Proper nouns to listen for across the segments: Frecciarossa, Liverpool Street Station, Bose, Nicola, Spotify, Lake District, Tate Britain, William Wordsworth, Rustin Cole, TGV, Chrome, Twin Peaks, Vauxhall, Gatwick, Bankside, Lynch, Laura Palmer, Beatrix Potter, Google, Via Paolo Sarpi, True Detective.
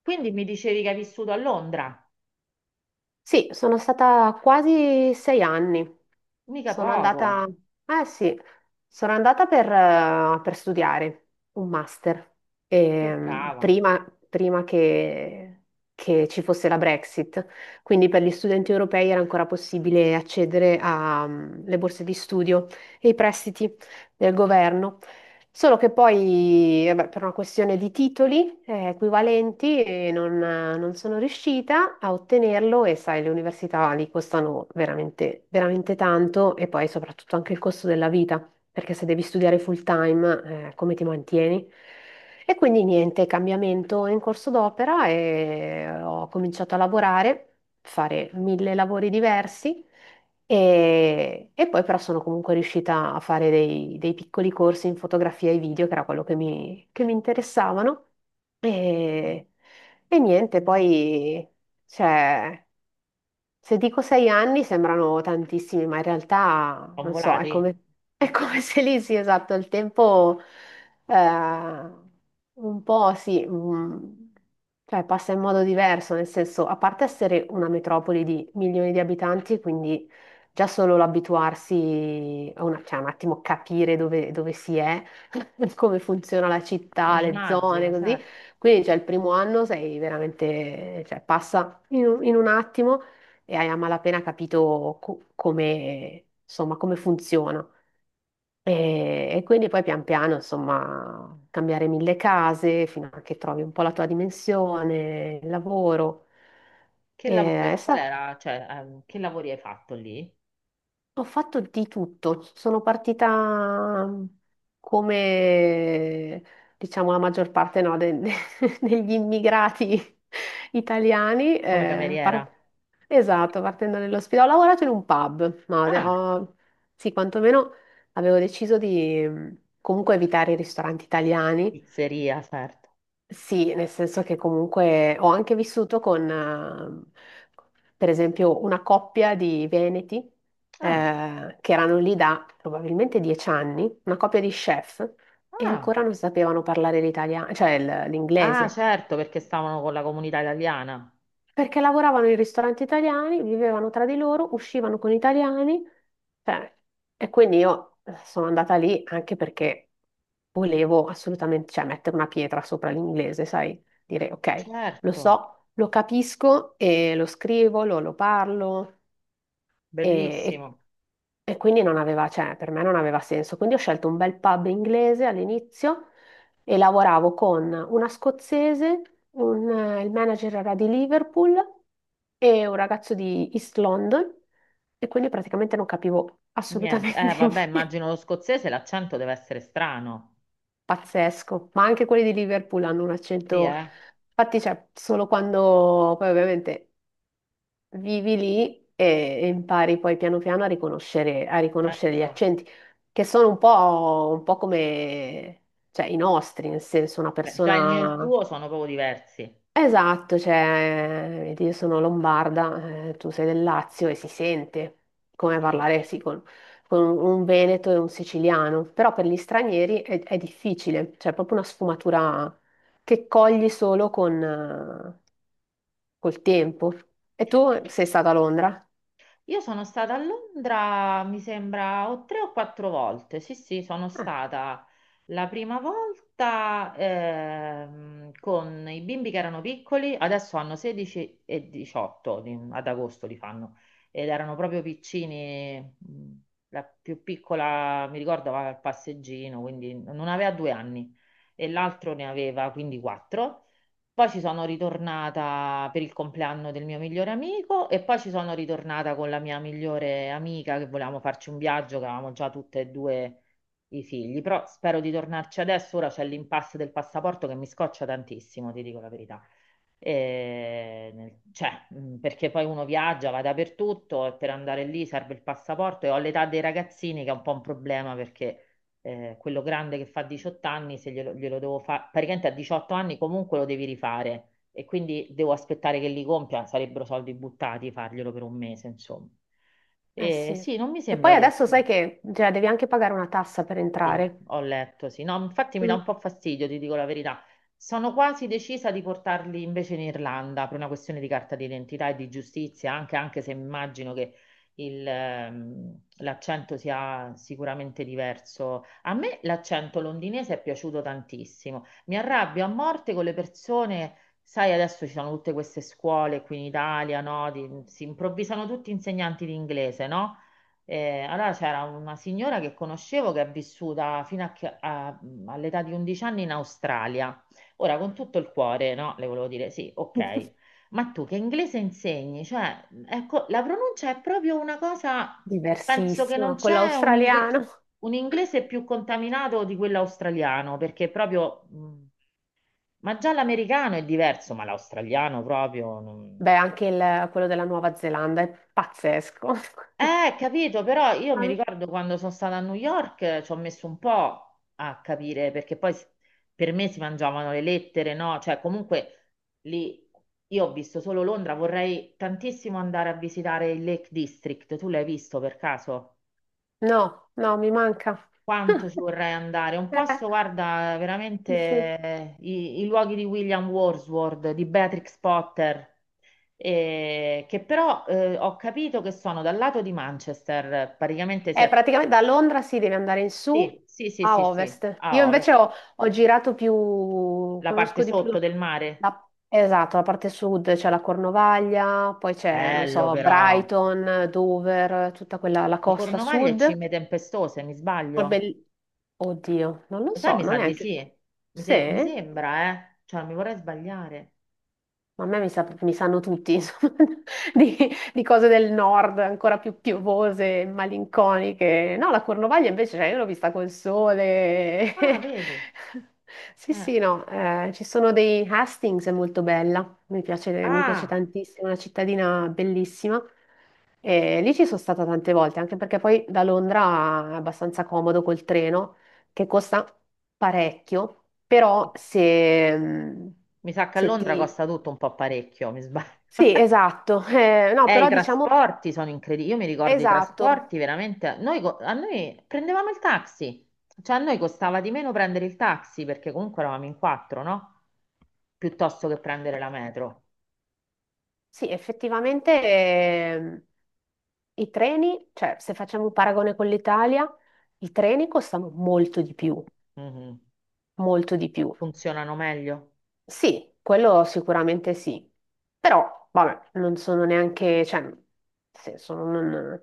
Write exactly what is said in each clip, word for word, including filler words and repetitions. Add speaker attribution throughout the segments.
Speaker 1: Quindi mi dicevi che hai vissuto a Londra,
Speaker 2: Sì, sono stata quasi sei anni.
Speaker 1: mica
Speaker 2: Sono
Speaker 1: poco,
Speaker 2: andata, eh sì, sono andata per, eh, per studiare un master.
Speaker 1: che
Speaker 2: Ehm,
Speaker 1: brava,
Speaker 2: prima, prima che, che ci fosse la Brexit. Quindi per gli studenti europei era ancora possibile accedere alle borse di studio e i prestiti del governo. Solo che poi, vabbè, per una questione di titoli eh, equivalenti, eh, non, non sono riuscita a ottenerlo e sai, le università lì costano veramente, veramente tanto e poi soprattutto anche il costo della vita perché se devi studiare full time, eh, come ti mantieni? E quindi niente, cambiamento in corso d'opera e eh, ho cominciato a lavorare, fare mille lavori diversi e, e poi però sono comunque riuscita a fare dei, dei piccoli corsi in fotografia e video, che era quello che mi, che mi interessavano. E, e niente, poi c'è se dico sei anni sembrano tantissimi, ma in realtà
Speaker 1: ho
Speaker 2: non so, è
Speaker 1: volati,
Speaker 2: come, è come se lì sì, esatto, il tempo eh, un po' sì, mm, cioè passa in modo diverso, nel senso, a parte essere una metropoli di milioni di abitanti, quindi già solo l'abituarsi, a una- cioè un attimo capire dove, dove si è, come funziona la
Speaker 1: eh,
Speaker 2: città, le zone,
Speaker 1: immagino,
Speaker 2: così.
Speaker 1: certo.
Speaker 2: Quindi, cioè, il primo anno sei veramente, cioè, passa in un in un attimo e hai a malapena capito co- come, insomma, come funziona. E, e quindi poi pian piano, insomma, cambiare mille case fino a che trovi un po' la tua dimensione, il lavoro.
Speaker 1: Che lavoro,
Speaker 2: E, è
Speaker 1: qual
Speaker 2: stato.
Speaker 1: era, cioè, ehm, che lavori hai fatto lì?
Speaker 2: Ho fatto di tutto, sono partita mhmm, come diciamo la maggior parte no, de- degli immigrati italiani.
Speaker 1: Come
Speaker 2: Eh,
Speaker 1: cameriera?
Speaker 2: par- esatto, partendo dall'ospedale. Ho lavorato in un pub, ma ade-
Speaker 1: Ah,
Speaker 2: ho- sì, quantomeno avevo deciso di mh, comunque evitare i ristoranti italiani,
Speaker 1: pizzeria, certo.
Speaker 2: sì, nel senso che comunque ho anche vissuto con, eh, per esempio, una coppia di veneti,
Speaker 1: Ah,
Speaker 2: eh, che erano lì da probabilmente dieci anni, una coppia di chef, e
Speaker 1: ah,
Speaker 2: ancora non sapevano parlare l'italiano, cioè il-
Speaker 1: ah,
Speaker 2: l'inglese.
Speaker 1: certo, perché stavano con la comunità italiana.
Speaker 2: Perché lavoravano in ristoranti italiani, vivevano tra di loro, uscivano con italiani, cioè, e quindi io eh, sono andata lì anche perché volevo assolutamente, cioè, mettere una pietra sopra l'inglese, sai? Dire, ok, lo
Speaker 1: Certo,
Speaker 2: so, lo capisco e lo scrivo, lo, lo parlo, e, e
Speaker 1: bellissimo.
Speaker 2: e quindi non aveva, cioè, per me non aveva senso. Quindi ho scelto un bel pub inglese all'inizio e lavoravo con una scozzese, un, eh, il manager era di Liverpool e un ragazzo di East London e quindi praticamente non capivo
Speaker 1: Niente,
Speaker 2: assolutamente
Speaker 1: eh, vabbè,
Speaker 2: niente.
Speaker 1: immagino lo scozzese, l'accento deve essere strano.
Speaker 2: Pazzesco, ma anche quelli di Liverpool hanno un
Speaker 1: Sì,
Speaker 2: accento,
Speaker 1: eh,
Speaker 2: infatti, cioè, solo quando poi ovviamente vivi lì e, e impari poi piano piano a riconoscere, a riconoscere gli
Speaker 1: certo.
Speaker 2: accenti, che sono un po', un po' come cioè, i nostri, nel senso una
Speaker 1: Beh, già il mio e il
Speaker 2: persona...
Speaker 1: tuo sono proprio diversi.
Speaker 2: Esatto, cioè, vedi, io sono lombarda, eh, tu sei del Lazio e si sente come
Speaker 1: Io
Speaker 2: parlare sì, con, con un veneto e un siciliano, però per gli stranieri è, è difficile, cioè è proprio una sfumatura che cogli solo con, eh, col tempo. E tu sei stata a Londra?
Speaker 1: Io sono stata a Londra, mi sembra, o tre o quattro volte. Sì, sì, sono stata la prima volta ehm, con i bimbi che erano piccoli, adesso hanno sedici e diciotto, di- ad agosto li fanno, ed erano proprio piccini. mh, La più piccola, mi ricordo, aveva il passeggino, quindi non aveva due anni e l'altro ne aveva quindi quattro. Poi ci sono ritornata per il compleanno del mio migliore amico e poi ci sono ritornata con la mia migliore amica che volevamo farci un viaggio, che avevamo già tutte e due i figli, però spero di tornarci adesso, ora c'è l'impasse del passaporto che mi scoccia tantissimo, ti dico la verità. E, nel- cioè, mh, perché poi uno viaggia, va dappertutto e per andare lì serve il passaporto e ho l'età dei ragazzini che è un po' un problema perché eh, quello grande che fa diciotto anni, se glielo, glielo devo fare, praticamente a diciotto anni comunque lo devi rifare e quindi devo aspettare che li compia, sarebbero soldi buttati farglielo per un mese, insomma.
Speaker 2: Eh
Speaker 1: E
Speaker 2: sì.
Speaker 1: sì, non mi
Speaker 2: E poi
Speaker 1: sembra di
Speaker 2: adesso
Speaker 1: essere.
Speaker 2: sai che cioè, devi anche pagare una tassa per
Speaker 1: Sì,
Speaker 2: entrare.
Speaker 1: ho letto, sì. No, infatti mi dà
Speaker 2: Mm.
Speaker 1: un po' fastidio, ti dico la verità. Sono quasi decisa di portarli invece in Irlanda per una questione di carta d'identità e di giustizia, anche, anche se immagino che il, ehm, l'accento sia sicuramente diverso. A me l'accento londinese è piaciuto tantissimo. Mi arrabbio a morte con le persone, sai, adesso ci sono tutte queste scuole qui in Italia, no? Di- si improvvisano tutti insegnanti di inglese, no? Eh, allora c'era una signora che conoscevo che è vissuta fino a che- a- all'età di undici anni in Australia. Ora, con tutto il cuore, no? Le volevo dire, sì, ok, ma tu che inglese insegni? Cioè, ecco, la pronuncia è proprio una cosa, penso che non
Speaker 2: Diversissima. Quello
Speaker 1: c'è un, ingle-
Speaker 2: australiano.
Speaker 1: un inglese più contaminato di quello australiano, perché proprio, mh, ma già l'americano è diverso, ma l'australiano proprio. non-
Speaker 2: Beh, anche il- quello della Nuova Zelanda è pazzesco.
Speaker 1: Eh, capito, però io mi
Speaker 2: Ah,
Speaker 1: ricordo quando sono stata a New York eh, ci ho messo un po' a capire perché poi s- per me si mangiavano le lettere, no? Cioè, comunque lì io ho visto solo Londra, vorrei tantissimo andare a visitare il Lake District. Tu l'hai visto per caso?
Speaker 2: no, no, mi manca.
Speaker 1: Quanto ci vorrei andare? Un
Speaker 2: Eh,
Speaker 1: posto, guarda, veramente
Speaker 2: sì, sì.
Speaker 1: eh, i, i luoghi di William Wordsworth, di Beatrix Potter, eh, che però eh, ho capito che sono dal lato di Manchester, praticamente si è.
Speaker 2: Eh, praticamente da Londra si deve andare in su
Speaker 1: Sì, sì, sì,
Speaker 2: a
Speaker 1: sì, sì,
Speaker 2: ovest. Io
Speaker 1: a
Speaker 2: invece
Speaker 1: ovest,
Speaker 2: ho, ho girato più,
Speaker 1: la parte
Speaker 2: conosco di più la,
Speaker 1: sotto del mare.
Speaker 2: la- esatto, la parte sud, c'è la Cornovaglia, poi c'è, non
Speaker 1: Bello
Speaker 2: so,
Speaker 1: però.
Speaker 2: Brighton, Dover, tutta quella, la
Speaker 1: La
Speaker 2: costa
Speaker 1: Cornovaglia è
Speaker 2: sud.
Speaker 1: cime tempestose, mi
Speaker 2: È
Speaker 1: sbaglio?
Speaker 2: bell- Oddio, non lo
Speaker 1: Lo sai,
Speaker 2: so,
Speaker 1: mi
Speaker 2: non
Speaker 1: sa
Speaker 2: è
Speaker 1: di
Speaker 2: anche...
Speaker 1: sì. Mi,
Speaker 2: Sì?
Speaker 1: se- mi sembra, eh. Cioè, non mi vorrei sbagliare.
Speaker 2: Ma a me mi, sa- mi sanno tutti, insomma, di, di cose del nord ancora più piovose e malinconiche. No, la Cornovaglia invece, cioè, io l'ho vista col sole.
Speaker 1: Ah, vedi.
Speaker 2: Sì,
Speaker 1: Eh.
Speaker 2: sì, no, eh, ci sono dei Hastings, è molto bella, mi piace, mi piace
Speaker 1: Ah,
Speaker 2: tantissimo, è una cittadina bellissima. E lì ci sono stata tante volte, anche perché poi da Londra è abbastanza comodo col treno, che costa parecchio, però se, mm,
Speaker 1: mi sa che a
Speaker 2: se
Speaker 1: Londra
Speaker 2: ti...
Speaker 1: costa tutto un po' parecchio, mi sbaglio.
Speaker 2: Sì, esatto. Eh, no,
Speaker 1: Eh, i
Speaker 2: però diciamo,
Speaker 1: trasporti sono incredibili. Io mi ricordo i
Speaker 2: esatto.
Speaker 1: trasporti veramente. Noi, co- a noi prendevamo il taxi, cioè a noi costava di meno prendere il taxi perché comunque eravamo in quattro, no? Piuttosto che prendere la metro.
Speaker 2: Sì, effettivamente ehm, i treni, cioè se facciamo un paragone con l'Italia, i treni costano molto di più,
Speaker 1: Mhm.
Speaker 2: molto di più.
Speaker 1: Funzionano meglio.
Speaker 2: Sì, quello sicuramente sì, però vabbè, non sono neanche, cioè, nel senso, non,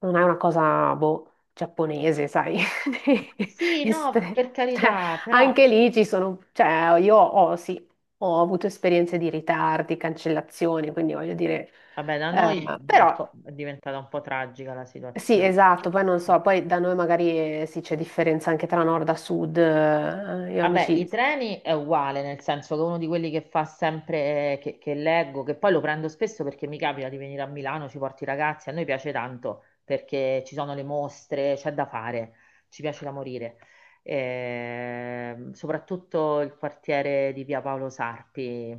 Speaker 2: non è una cosa, boh, giapponese, sai,
Speaker 1: Sì, no,
Speaker 2: Estre-
Speaker 1: per
Speaker 2: cioè,
Speaker 1: carità, però
Speaker 2: anche lì ci sono, cioè, io ho, sì, ho avuto esperienze di ritardi, cancellazioni, quindi voglio dire,
Speaker 1: vabbè, da noi
Speaker 2: eh,
Speaker 1: è, po-
Speaker 2: però,
Speaker 1: è diventata un po' tragica la
Speaker 2: sì,
Speaker 1: situazione.
Speaker 2: esatto, poi non so, poi da noi magari, eh, sì, c'è differenza anche tra nord a sud, eh, io
Speaker 1: Vabbè, i
Speaker 2: amici,
Speaker 1: treni è uguale, nel senso che uno di quelli che fa sempre, eh, che, che leggo, che poi lo prendo spesso perché mi capita di venire a Milano, ci porti i ragazzi, a noi piace tanto perché ci sono le mostre, c'è da fare, ci piace da morire. Ehm, soprattutto il quartiere di Via Paolo Sarpi,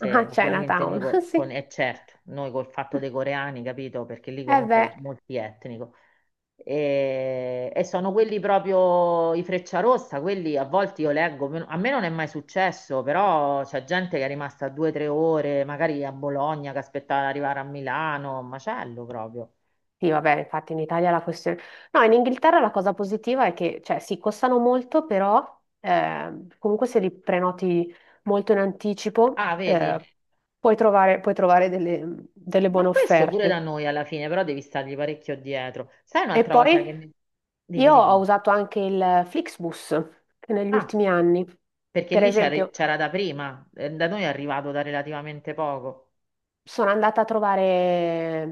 Speaker 2: ah,
Speaker 1: ovviamente noi
Speaker 2: Chinatown,
Speaker 1: col- con,
Speaker 2: sì.
Speaker 1: e certo, noi col fatto dei coreani, capito? Perché lì
Speaker 2: Eh
Speaker 1: comunque è
Speaker 2: beh,
Speaker 1: multietnico. E, e sono quelli proprio i Frecciarossa, quelli a volte io leggo, meno- a me non è mai successo, però c'è gente che è rimasta due o tre ore, magari a Bologna, che aspettava di arrivare a Milano, un macello proprio.
Speaker 2: sì, vabbè, infatti in Italia la questione... No, in Inghilterra la cosa positiva è che, cioè, sì, costano molto, però ehm, comunque se li prenoti molto in anticipo
Speaker 1: Ah, vedi?
Speaker 2: eh, puoi trovare, puoi trovare delle, delle buone
Speaker 1: Ma questo pure da
Speaker 2: offerte.
Speaker 1: noi alla fine, però devi stargli parecchio dietro. Sai
Speaker 2: E
Speaker 1: un'altra cosa
Speaker 2: poi
Speaker 1: che mi. Dimmi,
Speaker 2: io ho
Speaker 1: dimmi.
Speaker 2: usato anche il Flixbus che negli
Speaker 1: Ah,
Speaker 2: ultimi anni.
Speaker 1: perché
Speaker 2: Per
Speaker 1: lì c'era
Speaker 2: esempio,
Speaker 1: c'era da prima, eh, da noi è arrivato da relativamente poco.
Speaker 2: sono andata a trovare eh,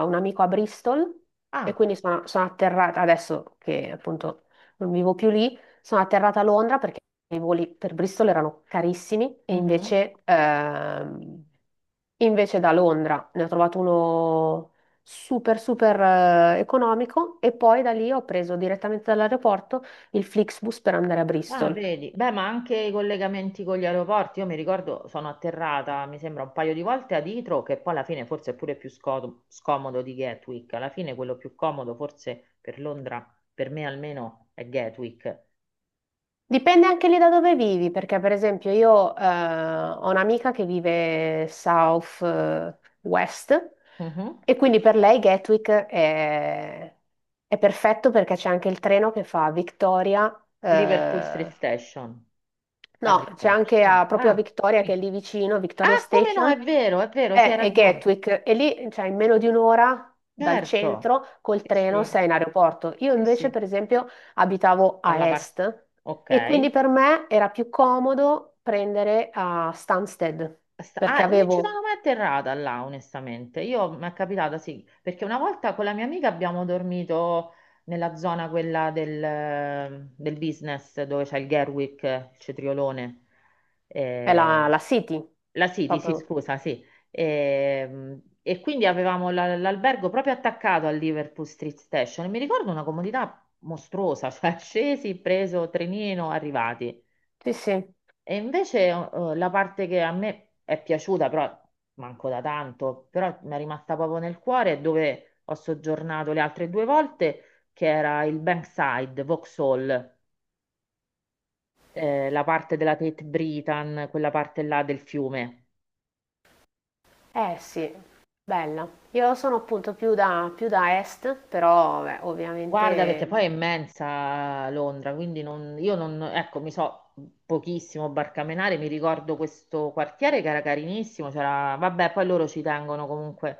Speaker 2: un amico a Bristol e
Speaker 1: Ah,
Speaker 2: quindi sono, sono atterrata, adesso che appunto non vivo più lì, sono atterrata a Londra perché i voli per Bristol erano carissimi e
Speaker 1: mhm.
Speaker 2: invece, ehm, invece da Londra ne ho trovato uno super super eh, economico e poi da lì ho preso direttamente dall'aeroporto il Flixbus per andare a
Speaker 1: Ah,
Speaker 2: Bristol.
Speaker 1: vedi, beh, ma anche i collegamenti con gli aeroporti, io mi ricordo, sono atterrata, mi sembra, un paio di volte ad Itro, che poi alla fine forse è pure più sco- scomodo di Gatwick, alla fine quello più comodo forse per Londra, per me almeno, è Gatwick.
Speaker 2: Dipende anche lì da dove vivi, perché per esempio io eh, ho un'amica che vive South eh, West
Speaker 1: Mhm.
Speaker 2: e quindi per lei Gatwick è, è perfetto perché c'è anche il treno che fa Victoria,
Speaker 1: Liverpool Street
Speaker 2: eh,
Speaker 1: Station,
Speaker 2: no,
Speaker 1: arriva.
Speaker 2: c'è anche a-
Speaker 1: No.
Speaker 2: proprio a
Speaker 1: Ah.
Speaker 2: Victoria, che è
Speaker 1: Sì.
Speaker 2: lì vicino, Victoria
Speaker 1: Ah, come no,
Speaker 2: Station,
Speaker 1: è vero, è vero, sì, hai
Speaker 2: è, è
Speaker 1: ragione.
Speaker 2: Gatwick, e lì, cioè, in meno di un'ora dal
Speaker 1: Certo,
Speaker 2: centro, col
Speaker 1: sì,
Speaker 2: treno,
Speaker 1: sì,
Speaker 2: sei in aeroporto. Io
Speaker 1: sì,
Speaker 2: invece,
Speaker 1: sì,
Speaker 2: per esempio, abitavo
Speaker 1: dalla
Speaker 2: a
Speaker 1: parte.
Speaker 2: est,
Speaker 1: Ok.
Speaker 2: e quindi per me era più comodo prendere a Stansted,
Speaker 1: Sta- Ah,
Speaker 2: perché
Speaker 1: non ci
Speaker 2: avevo,
Speaker 1: sono mai atterrata là, onestamente. Io mi è capitata, sì, perché una volta con la mia amica abbiamo dormito nella zona quella del, del business dove c'è il Gerwick, il cetriolone.
Speaker 2: è la,
Speaker 1: Eh,
Speaker 2: la City,
Speaker 1: la City, sì,
Speaker 2: proprio.
Speaker 1: scusa, sì. Ehm, E, quindi avevamo la- l'albergo proprio attaccato al Liverpool Street Station. E mi ricordo una comodità mostruosa, cioè scesi, preso trenino, arrivati.
Speaker 2: Sì, sì.
Speaker 1: E invece eh, la parte che a me è piaciuta, però manco da tanto, però mi è rimasta proprio nel cuore, è dove ho soggiornato le altre due volte, che era il Bankside, Vauxhall, eh, la parte della Tate Britain, quella parte là del fiume.
Speaker 2: Eh sì, bella. Io sono appunto più da, più da est, però beh,
Speaker 1: Guarda,
Speaker 2: ovviamente
Speaker 1: perché poi è immensa Londra, quindi non- io non, ecco, mi so pochissimo barcamenare, mi ricordo questo quartiere che era carinissimo, c'era, vabbè, poi loro ci tengono comunque,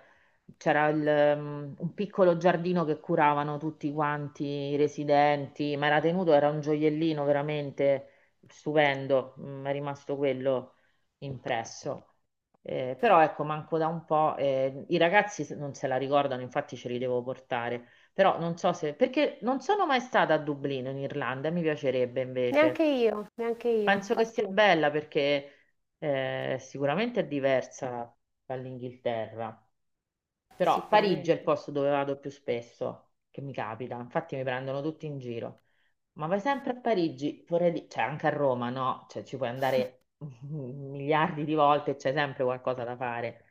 Speaker 1: c'era il, um, un piccolo giardino che curavano tutti quanti i residenti, ma era tenuto, era un gioiellino veramente stupendo, mi è rimasto quello impresso. Eh, però ecco, manco da un po', eh, i ragazzi se- non se la ricordano, infatti ce li devo portare. Però non so se, perché non sono mai stata a Dublino in Irlanda, mi piacerebbe invece.
Speaker 2: neanche io, neanche io,
Speaker 1: Penso che sia
Speaker 2: infatti
Speaker 1: bella perché eh, sicuramente è diversa dall'Inghilterra. Però Parigi è il
Speaker 2: sicuramente.
Speaker 1: posto dove vado più spesso, che mi capita. Infatti mi prendono tutti in giro. Ma vai sempre a Parigi, vorrei dire, cioè anche a Roma, no? Cioè ci puoi andare miliardi di volte e c'è sempre qualcosa da fare.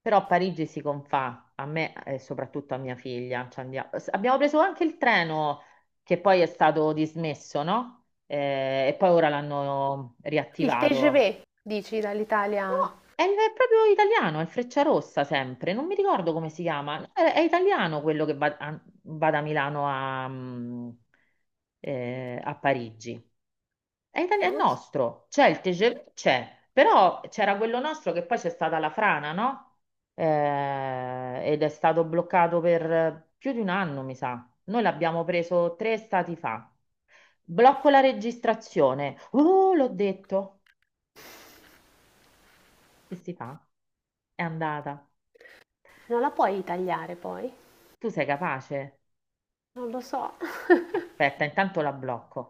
Speaker 1: Però Parigi si confà a me e soprattutto a mia figlia. Ci andia- s- Abbiamo preso anche il treno che poi è stato dismesso, no? Eh, e poi ora l'hanno
Speaker 2: Il
Speaker 1: riattivato.
Speaker 2: ti gi vu, dici dall'Italia?
Speaker 1: No, è, il- è proprio italiano, è il Frecciarossa sempre, non mi ricordo come si chiama. No, È, è italiano quello che va, a- va da Milano a, mm, eh, a Parigi. È, itali-
Speaker 2: Ma
Speaker 1: è
Speaker 2: non so,
Speaker 1: nostro, c'è il T G V, c'è, però c'era quello nostro che poi c'è stata la frana, no? Eh, ed è stato bloccato per più di un anno, mi sa. Noi l'abbiamo preso tre stati fa. Blocco la registrazione. Oh, l'ho detto. Che si fa? È andata.
Speaker 2: non la puoi tagliare poi,
Speaker 1: Tu sei capace?
Speaker 2: non lo so.
Speaker 1: Aspetta, intanto la blocco.